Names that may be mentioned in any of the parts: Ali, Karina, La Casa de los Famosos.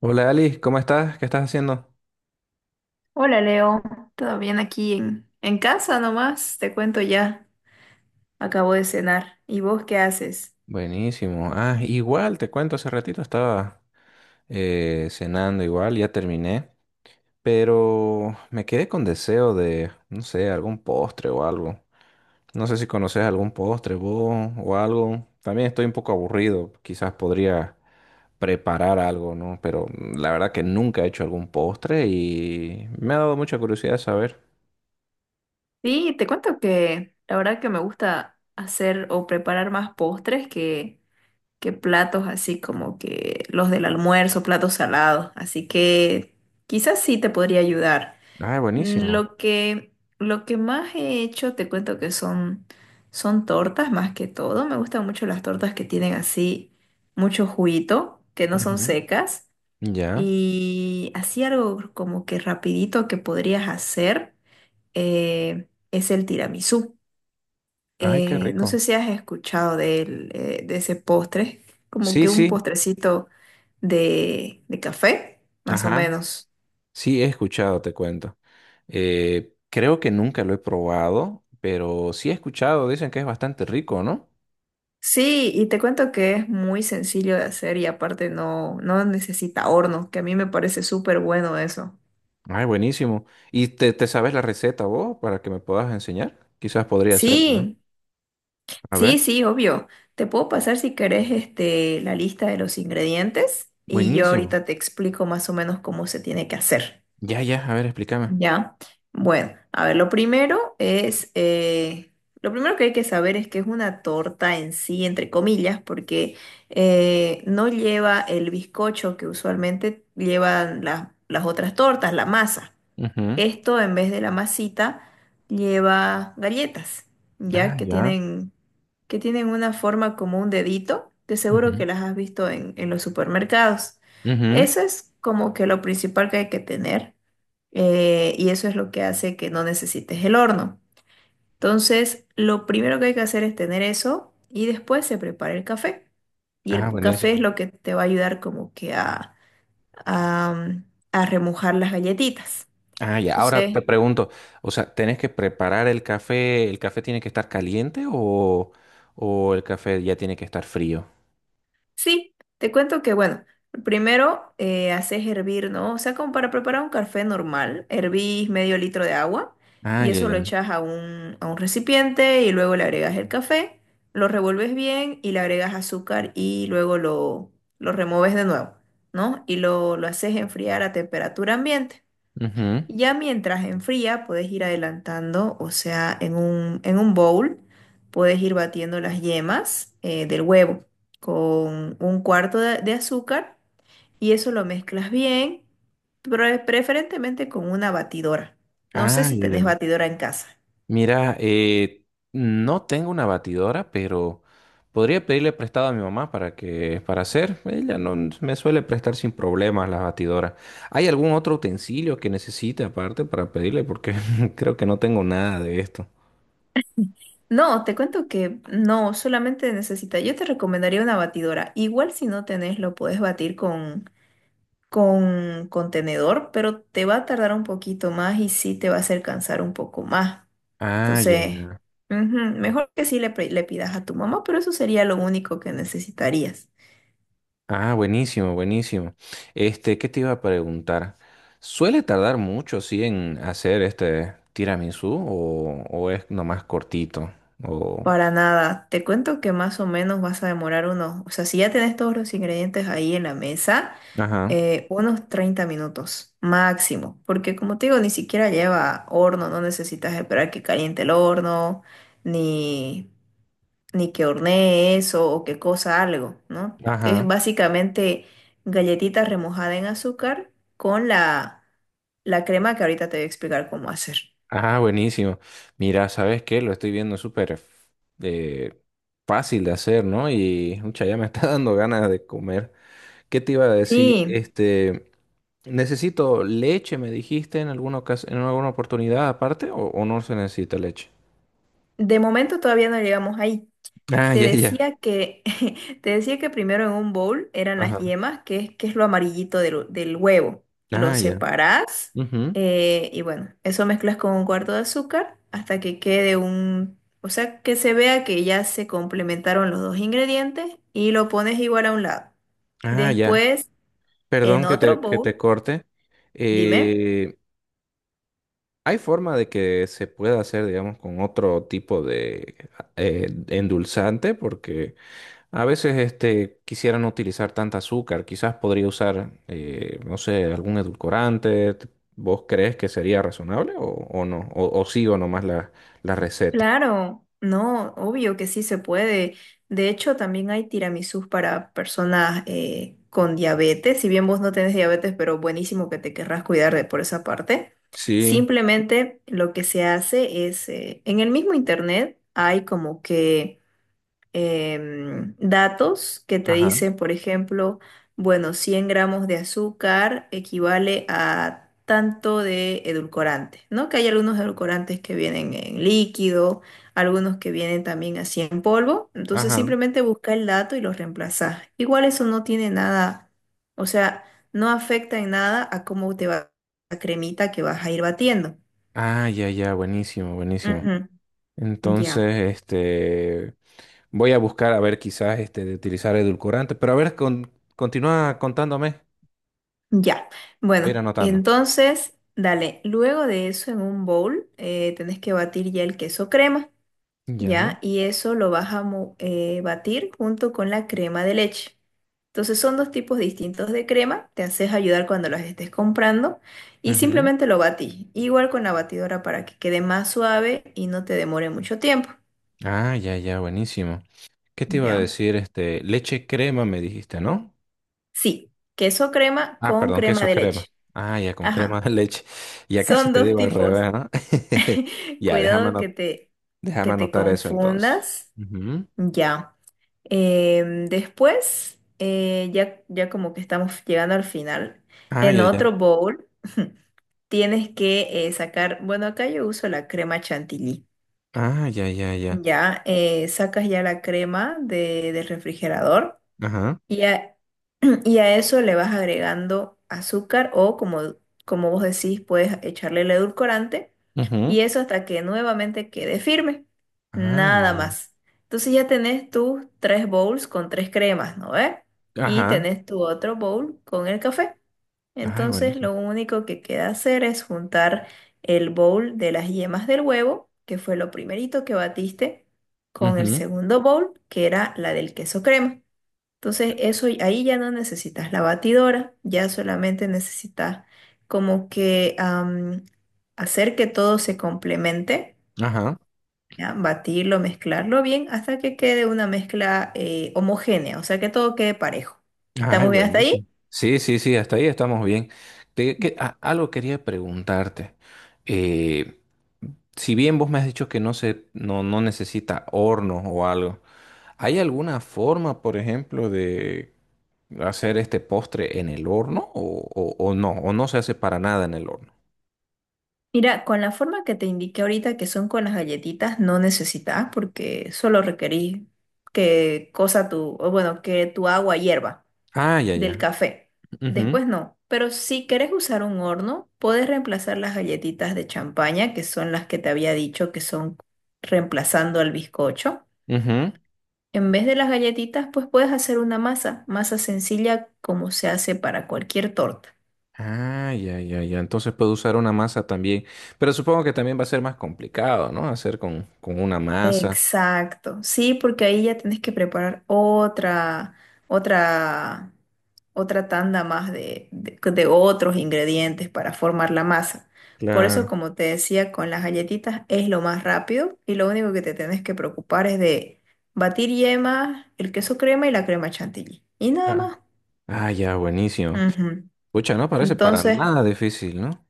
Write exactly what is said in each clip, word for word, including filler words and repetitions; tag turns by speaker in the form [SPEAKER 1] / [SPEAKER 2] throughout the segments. [SPEAKER 1] Hola Ali, ¿cómo estás? ¿Qué estás haciendo?
[SPEAKER 2] Hola Leo, ¿todo bien aquí en, en casa nomás? Te cuento ya, acabo de cenar. ¿Y vos qué haces?
[SPEAKER 1] Buenísimo. Ah, igual, te cuento, hace ratito estaba eh, cenando igual, ya terminé, pero me quedé con deseo de, no sé, algún postre o algo. No sé si conoces algún postre vos o algo. También estoy un poco aburrido, quizás podría preparar algo, ¿no? Pero mm, la verdad que nunca he hecho algún postre y me ha dado mucha curiosidad saber.
[SPEAKER 2] Sí, te cuento que la verdad que me gusta hacer o preparar más postres que, que platos así como que los del almuerzo, platos salados. Así que quizás sí te podría ayudar.
[SPEAKER 1] Ay,
[SPEAKER 2] Mm,
[SPEAKER 1] buenísimo.
[SPEAKER 2] Lo que, lo que más he hecho, te cuento que son, son tortas más que todo. Me gustan mucho las tortas que tienen así mucho juguito, que no son
[SPEAKER 1] Ujú.
[SPEAKER 2] secas.
[SPEAKER 1] Ya.
[SPEAKER 2] Y así algo como que rapidito que podrías hacer eh, es el tiramisú.
[SPEAKER 1] Ay, qué
[SPEAKER 2] Eh, no sé
[SPEAKER 1] rico.
[SPEAKER 2] si has escuchado de, él, eh, de ese postre, como
[SPEAKER 1] Sí,
[SPEAKER 2] que un
[SPEAKER 1] sí.
[SPEAKER 2] postrecito de, de café, más o
[SPEAKER 1] Ajá.
[SPEAKER 2] menos.
[SPEAKER 1] Sí, he escuchado, te cuento. Eh, creo que nunca lo he probado, pero sí he escuchado, dicen que es bastante rico, ¿no?
[SPEAKER 2] Sí, y te cuento que es muy sencillo de hacer y aparte no, no necesita horno, que a mí me parece súper bueno eso.
[SPEAKER 1] Ay, buenísimo. ¿Y te, te sabes la receta vos para que me puedas enseñar? Quizás podría hacerla, ¿no?
[SPEAKER 2] Sí,
[SPEAKER 1] A ver.
[SPEAKER 2] sí, sí, obvio. Te puedo pasar si querés este, la lista de los ingredientes y yo
[SPEAKER 1] Buenísimo.
[SPEAKER 2] ahorita te explico más o menos cómo se tiene que hacer.
[SPEAKER 1] Ya, ya, a ver, explícame.
[SPEAKER 2] Ya, bueno, a ver, lo primero es, eh, lo primero que hay que saber es que es una torta en sí, entre comillas, porque eh, no lleva el bizcocho que usualmente llevan la- las otras tortas, la masa.
[SPEAKER 1] Ujú.
[SPEAKER 2] Esto en vez de la masita lleva galletas,
[SPEAKER 1] Ah,
[SPEAKER 2] ya que
[SPEAKER 1] ya.
[SPEAKER 2] tienen, que tienen una forma como un dedito, de seguro
[SPEAKER 1] Ujú.
[SPEAKER 2] que las has visto en, en los supermercados.
[SPEAKER 1] Ujú.
[SPEAKER 2] Eso es como que lo principal que hay que tener eh, y eso es lo que hace que no necesites el horno. Entonces, lo primero que hay que hacer es tener eso y después se prepara el café. Y el
[SPEAKER 1] Ah,
[SPEAKER 2] pu- café es
[SPEAKER 1] buenísimo.
[SPEAKER 2] lo que te va a ayudar como que a, a, mm, a remojar las galletitas.
[SPEAKER 1] Ah, ya. Ahora
[SPEAKER 2] Entonces,
[SPEAKER 1] te pregunto, o sea, ¿tenés que preparar el café? ¿El café tiene que estar caliente o, o el café ya tiene que estar frío?
[SPEAKER 2] sí, te cuento que, bueno, primero eh, haces hervir, ¿no? O sea, como para preparar un café normal, hervís medio litro de agua
[SPEAKER 1] Ah,
[SPEAKER 2] y
[SPEAKER 1] ya,
[SPEAKER 2] eso lo
[SPEAKER 1] ya.
[SPEAKER 2] echas a un, a un recipiente y luego le agregas el café, lo revuelves bien y le agregas azúcar y luego lo, lo removes de nuevo, ¿no? Y lo, lo haces enfriar a temperatura ambiente.
[SPEAKER 1] Ujú.
[SPEAKER 2] Ya mientras enfría, puedes ir adelantando, o sea, en un, en un bowl, puedes ir batiendo las yemas eh, del huevo con un cuarto de, de azúcar y eso lo mezclas bien, pre- preferentemente con una batidora. No sé
[SPEAKER 1] Ah,
[SPEAKER 2] si
[SPEAKER 1] ya, ya.
[SPEAKER 2] tenés batidora en casa.
[SPEAKER 1] Mira, eh, no tengo una batidora, pero podría pedirle prestado a mi mamá para que, para hacer. Ella no me suele prestar sin problemas las batidoras. ¿Hay algún otro utensilio que necesite aparte para pedirle? Porque creo que no tengo nada de esto.
[SPEAKER 2] No, te cuento que no, solamente necesitas, yo te recomendaría una batidora. Igual si no tenés, lo puedes batir con con contenedor, pero te va a tardar un poquito más y sí te va a hacer cansar un poco más.
[SPEAKER 1] Ah, ya,
[SPEAKER 2] Entonces,
[SPEAKER 1] ya.
[SPEAKER 2] ujú, mejor que sí le, pre- le pidas a tu mamá, pero eso sería lo único que necesitarías.
[SPEAKER 1] Ah, buenísimo, buenísimo. Este, ¿qué te iba a preguntar? ¿Suele tardar mucho, sí, en hacer este tiramisú o, o es nomás cortito? O...
[SPEAKER 2] Para nada, te cuento que más o menos vas a demorar unos, o sea, si ya tenés todos los ingredientes ahí en la mesa,
[SPEAKER 1] Ajá,
[SPEAKER 2] eh, unos treinta minutos máximo, porque como te digo, ni siquiera lleva horno, no necesitas esperar que caliente el horno, ni... ni que hornee eso o que cosa algo, ¿no? Es
[SPEAKER 1] ajá.
[SPEAKER 2] básicamente galletita remojada en azúcar con la, la crema que ahorita te voy a explicar cómo hacer.
[SPEAKER 1] Ah, buenísimo. Mira, ¿sabes qué? Lo estoy viendo súper eh, fácil de hacer, ¿no? Y mucha ya me está dando ganas de comer. ¿Qué te iba a decir?
[SPEAKER 2] Sí,
[SPEAKER 1] Este, necesito leche, me dijiste en alguna ocas- en alguna oportunidad aparte, o, o no se necesita leche.
[SPEAKER 2] de momento todavía no llegamos ahí.
[SPEAKER 1] Ah,
[SPEAKER 2] Te
[SPEAKER 1] ya, ya.
[SPEAKER 2] decía que, te decía que primero en un bowl eran las
[SPEAKER 1] Ajá.
[SPEAKER 2] yemas, que es, que es lo amarillito del, del huevo. Lo
[SPEAKER 1] Ah, ya.
[SPEAKER 2] separás
[SPEAKER 1] Ujú.
[SPEAKER 2] eh, y bueno, eso mezclas con un cuarto de azúcar hasta que quede un, o sea, que se vea que ya se complementaron los dos ingredientes y lo pones igual a un lado.
[SPEAKER 1] Ah, ya.
[SPEAKER 2] Después, en
[SPEAKER 1] Perdón que
[SPEAKER 2] otro
[SPEAKER 1] te, que
[SPEAKER 2] bowl,
[SPEAKER 1] te corte.
[SPEAKER 2] dime.
[SPEAKER 1] Eh, ¿hay forma de que se pueda hacer, digamos, con otro tipo de eh, endulzante? Porque a veces este, quisiera no utilizar tanta azúcar, quizás podría usar, eh, no sé, algún edulcorante. T- ¿Vos crees que sería razonable o, o no? ¿O, o sigo nomás la, la receta?
[SPEAKER 2] Claro, no, obvio que sí se puede. De hecho, también hay tiramisús para personas eh, con diabetes. Si bien vos no tenés diabetes, pero buenísimo que te querrás cuidar de por esa parte.
[SPEAKER 1] Sí,
[SPEAKER 2] Simplemente lo que se hace es, eh, en el mismo internet hay como que em, datos que te
[SPEAKER 1] ajá,
[SPEAKER 2] dicen, por ejemplo, bueno, cien gramos de azúcar equivale a tanto de edulcorante, ¿no? Que hay algunos edulcorantes que vienen en líquido, algunos que vienen también así en polvo, entonces
[SPEAKER 1] ajá.
[SPEAKER 2] simplemente busca el dato y lo reemplazas. Igual eso no tiene nada, o sea, no afecta en nada a cómo te va la cremita que vas a ir batiendo.
[SPEAKER 1] Ah, ya, ya, buenísimo, buenísimo.
[SPEAKER 2] Ujú, ya.
[SPEAKER 1] Entonces, este, voy a buscar a ver quizás este, de utilizar edulcorante, pero a ver, con, continúa contándome,
[SPEAKER 2] Ya,
[SPEAKER 1] voy a ir
[SPEAKER 2] bueno,
[SPEAKER 1] anotando.
[SPEAKER 2] entonces, dale, luego de eso en un bowl eh, tenés que batir ya el queso crema,
[SPEAKER 1] Ya.
[SPEAKER 2] ¿ya? Y eso lo vas a mo- eh, batir junto con la crema de leche. Entonces son dos tipos distintos de crema, te haces ayudar cuando las estés comprando y
[SPEAKER 1] Ujú.
[SPEAKER 2] simplemente lo batís, igual con la batidora para que quede más suave y no te demore mucho tiempo,
[SPEAKER 1] Ah, ya, ya, buenísimo. ¿Qué te iba a
[SPEAKER 2] ¿ya?
[SPEAKER 1] decir? Este, leche crema me dijiste, ¿no?
[SPEAKER 2] Sí, queso crema
[SPEAKER 1] Ah,
[SPEAKER 2] con
[SPEAKER 1] perdón,
[SPEAKER 2] crema
[SPEAKER 1] queso
[SPEAKER 2] de
[SPEAKER 1] crema.
[SPEAKER 2] leche.
[SPEAKER 1] Ah, ya con crema de
[SPEAKER 2] Ajá,
[SPEAKER 1] leche. Ya casi
[SPEAKER 2] son
[SPEAKER 1] te
[SPEAKER 2] dos
[SPEAKER 1] digo al
[SPEAKER 2] tipos.
[SPEAKER 1] revés, ¿no? Ya, déjame
[SPEAKER 2] Cuidado que
[SPEAKER 1] ano-
[SPEAKER 2] te,
[SPEAKER 1] déjame
[SPEAKER 2] que te
[SPEAKER 1] anotar eso entonces.
[SPEAKER 2] confundas.
[SPEAKER 1] Ujú.
[SPEAKER 2] Ya. Em, después, eh, ya, ya como que estamos llegando al final.
[SPEAKER 1] Ah,
[SPEAKER 2] En
[SPEAKER 1] ya, ya.
[SPEAKER 2] otro bowl tienes que eh, sacar, bueno, acá yo uso la crema chantilly.
[SPEAKER 1] Ah, ya, ya, ya.
[SPEAKER 2] Ya, eh, sacas ya la crema de- del refrigerador.
[SPEAKER 1] Ajá.
[SPEAKER 2] Y a, y a eso le vas agregando azúcar o como, como vos decís, puedes echarle el edulcorante y
[SPEAKER 1] Ujú.
[SPEAKER 2] eso hasta que nuevamente quede firme.
[SPEAKER 1] Ah,
[SPEAKER 2] Nada
[SPEAKER 1] ya,
[SPEAKER 2] más. Entonces ya tenés tus tres bowls con tres cremas, ¿no ves?
[SPEAKER 1] ya.
[SPEAKER 2] Y
[SPEAKER 1] Ajá.
[SPEAKER 2] tenés tu otro bowl con el café.
[SPEAKER 1] Ay,
[SPEAKER 2] Entonces
[SPEAKER 1] buenísimo.
[SPEAKER 2] lo único que queda hacer es juntar el bowl de las yemas del huevo, que fue lo primerito que batiste, con el
[SPEAKER 1] Ujú.
[SPEAKER 2] segundo bowl, que era la del queso crema. Entonces, eso ahí ya no necesitas la batidora, ya solamente necesitas como que am, hacer que todo se complemente,
[SPEAKER 1] Ajá.
[SPEAKER 2] ¿ya? Batirlo, mezclarlo bien hasta que quede una mezcla eh, homogénea, o sea que todo quede parejo.
[SPEAKER 1] Ay,
[SPEAKER 2] ¿Estamos bien hasta ahí?
[SPEAKER 1] buenísimo. Sí, sí, sí, hasta ahí estamos bien. Te- que- a- algo quería preguntarte. Eh, si bien vos me has dicho que no se, no, no necesita horno o algo, ¿hay alguna forma, por ejemplo, de hacer este postre en el horno o, o- o no? ¿O no se hace para nada en el horno?
[SPEAKER 2] Mira, con la forma que te indiqué ahorita, que son con las galletitas, no necesitas porque solo requerís que cosa tu, o bueno, que tu agua hierva.
[SPEAKER 1] Ah, ya,
[SPEAKER 2] Del
[SPEAKER 1] ya.
[SPEAKER 2] café.
[SPEAKER 1] Ujú,
[SPEAKER 2] Después no, pero si querés usar un horno, podés reemplazar las galletitas de champaña, que son las que te había dicho que son reemplazando al bizcocho.
[SPEAKER 1] ujú.
[SPEAKER 2] En vez de las galletitas, pues puedes hacer una masa, masa sencilla como se hace para cualquier torta.
[SPEAKER 1] Ah, ya, ya, ya. Entonces puedo usar una masa también. Pero supongo que también va a ser más complicado, ¿no? Hacer con, con una masa.
[SPEAKER 2] Exacto, sí, porque ahí ya tienes que preparar otra, otra, otra tanda más de, de- de otros ingredientes para formar la masa. Por eso,
[SPEAKER 1] Claro.
[SPEAKER 2] como te decía, con las galletitas es lo más rápido y lo único que te tienes que preocupar es de batir yema, el queso crema y la crema chantilly. Y nada más.
[SPEAKER 1] Ah, ya, buenísimo.
[SPEAKER 2] Ujú.
[SPEAKER 1] Pucha, no parece para
[SPEAKER 2] Entonces,
[SPEAKER 1] nada difícil, ¿no?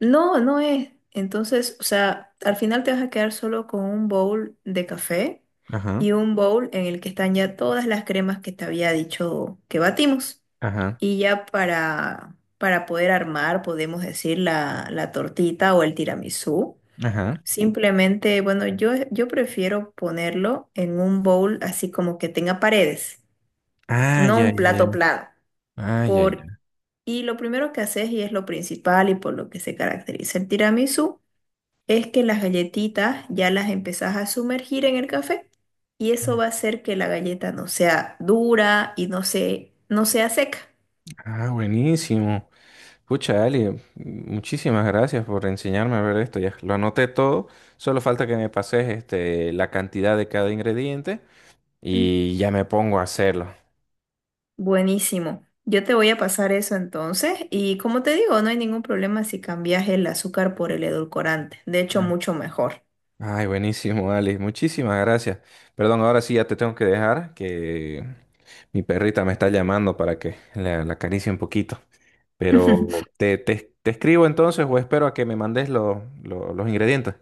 [SPEAKER 2] no, no es. Entonces, o sea, al final te vas a quedar solo con un bowl de café
[SPEAKER 1] Ajá,
[SPEAKER 2] y un bowl en el que están ya todas las cremas que te había dicho que batimos.
[SPEAKER 1] ajá,
[SPEAKER 2] Y ya para, para poder armar, podemos decir, la, la tortita o el tiramisú.
[SPEAKER 1] ajá.
[SPEAKER 2] Simplemente, bueno, yo, yo prefiero ponerlo en un bowl así como que tenga paredes,
[SPEAKER 1] Ah,
[SPEAKER 2] no
[SPEAKER 1] ya,
[SPEAKER 2] un
[SPEAKER 1] ya, ya.
[SPEAKER 2] plato plano.
[SPEAKER 1] Ah, ya,
[SPEAKER 2] Por,
[SPEAKER 1] ya.
[SPEAKER 2] y lo primero que haces, y es lo principal y por lo que se caracteriza el tiramisú, es que las galletitas ya las empezás a sumergir en el café y eso va a hacer que la galleta no sea dura y no se, no sea seca.
[SPEAKER 1] Ah, buenísimo. Pucha, Ali, muchísimas gracias por enseñarme a ver esto. Ya lo anoté todo. Solo falta que me pases este, la cantidad de cada ingrediente
[SPEAKER 2] Mm.
[SPEAKER 1] y ya me pongo a hacerlo.
[SPEAKER 2] Buenísimo. Yo te voy a pasar eso entonces y como te digo, no hay ningún problema si cambias el azúcar por el edulcorante. De hecho, mucho mejor.
[SPEAKER 1] Ay, buenísimo, Ali. Muchísimas gracias. Perdón, ahora sí ya te tengo que dejar, que mi perrita me está llamando para que la, la acaricie un poquito. Pero te, te- te escribo entonces o espero a que me mandes lo- lo- los ingredientes.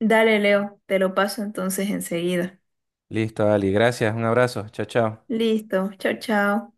[SPEAKER 2] Dale, Leo, te lo paso entonces enseguida.
[SPEAKER 1] Listo, Ali. Gracias. Un abrazo. Chao, chao.
[SPEAKER 2] Listo, chao, chao.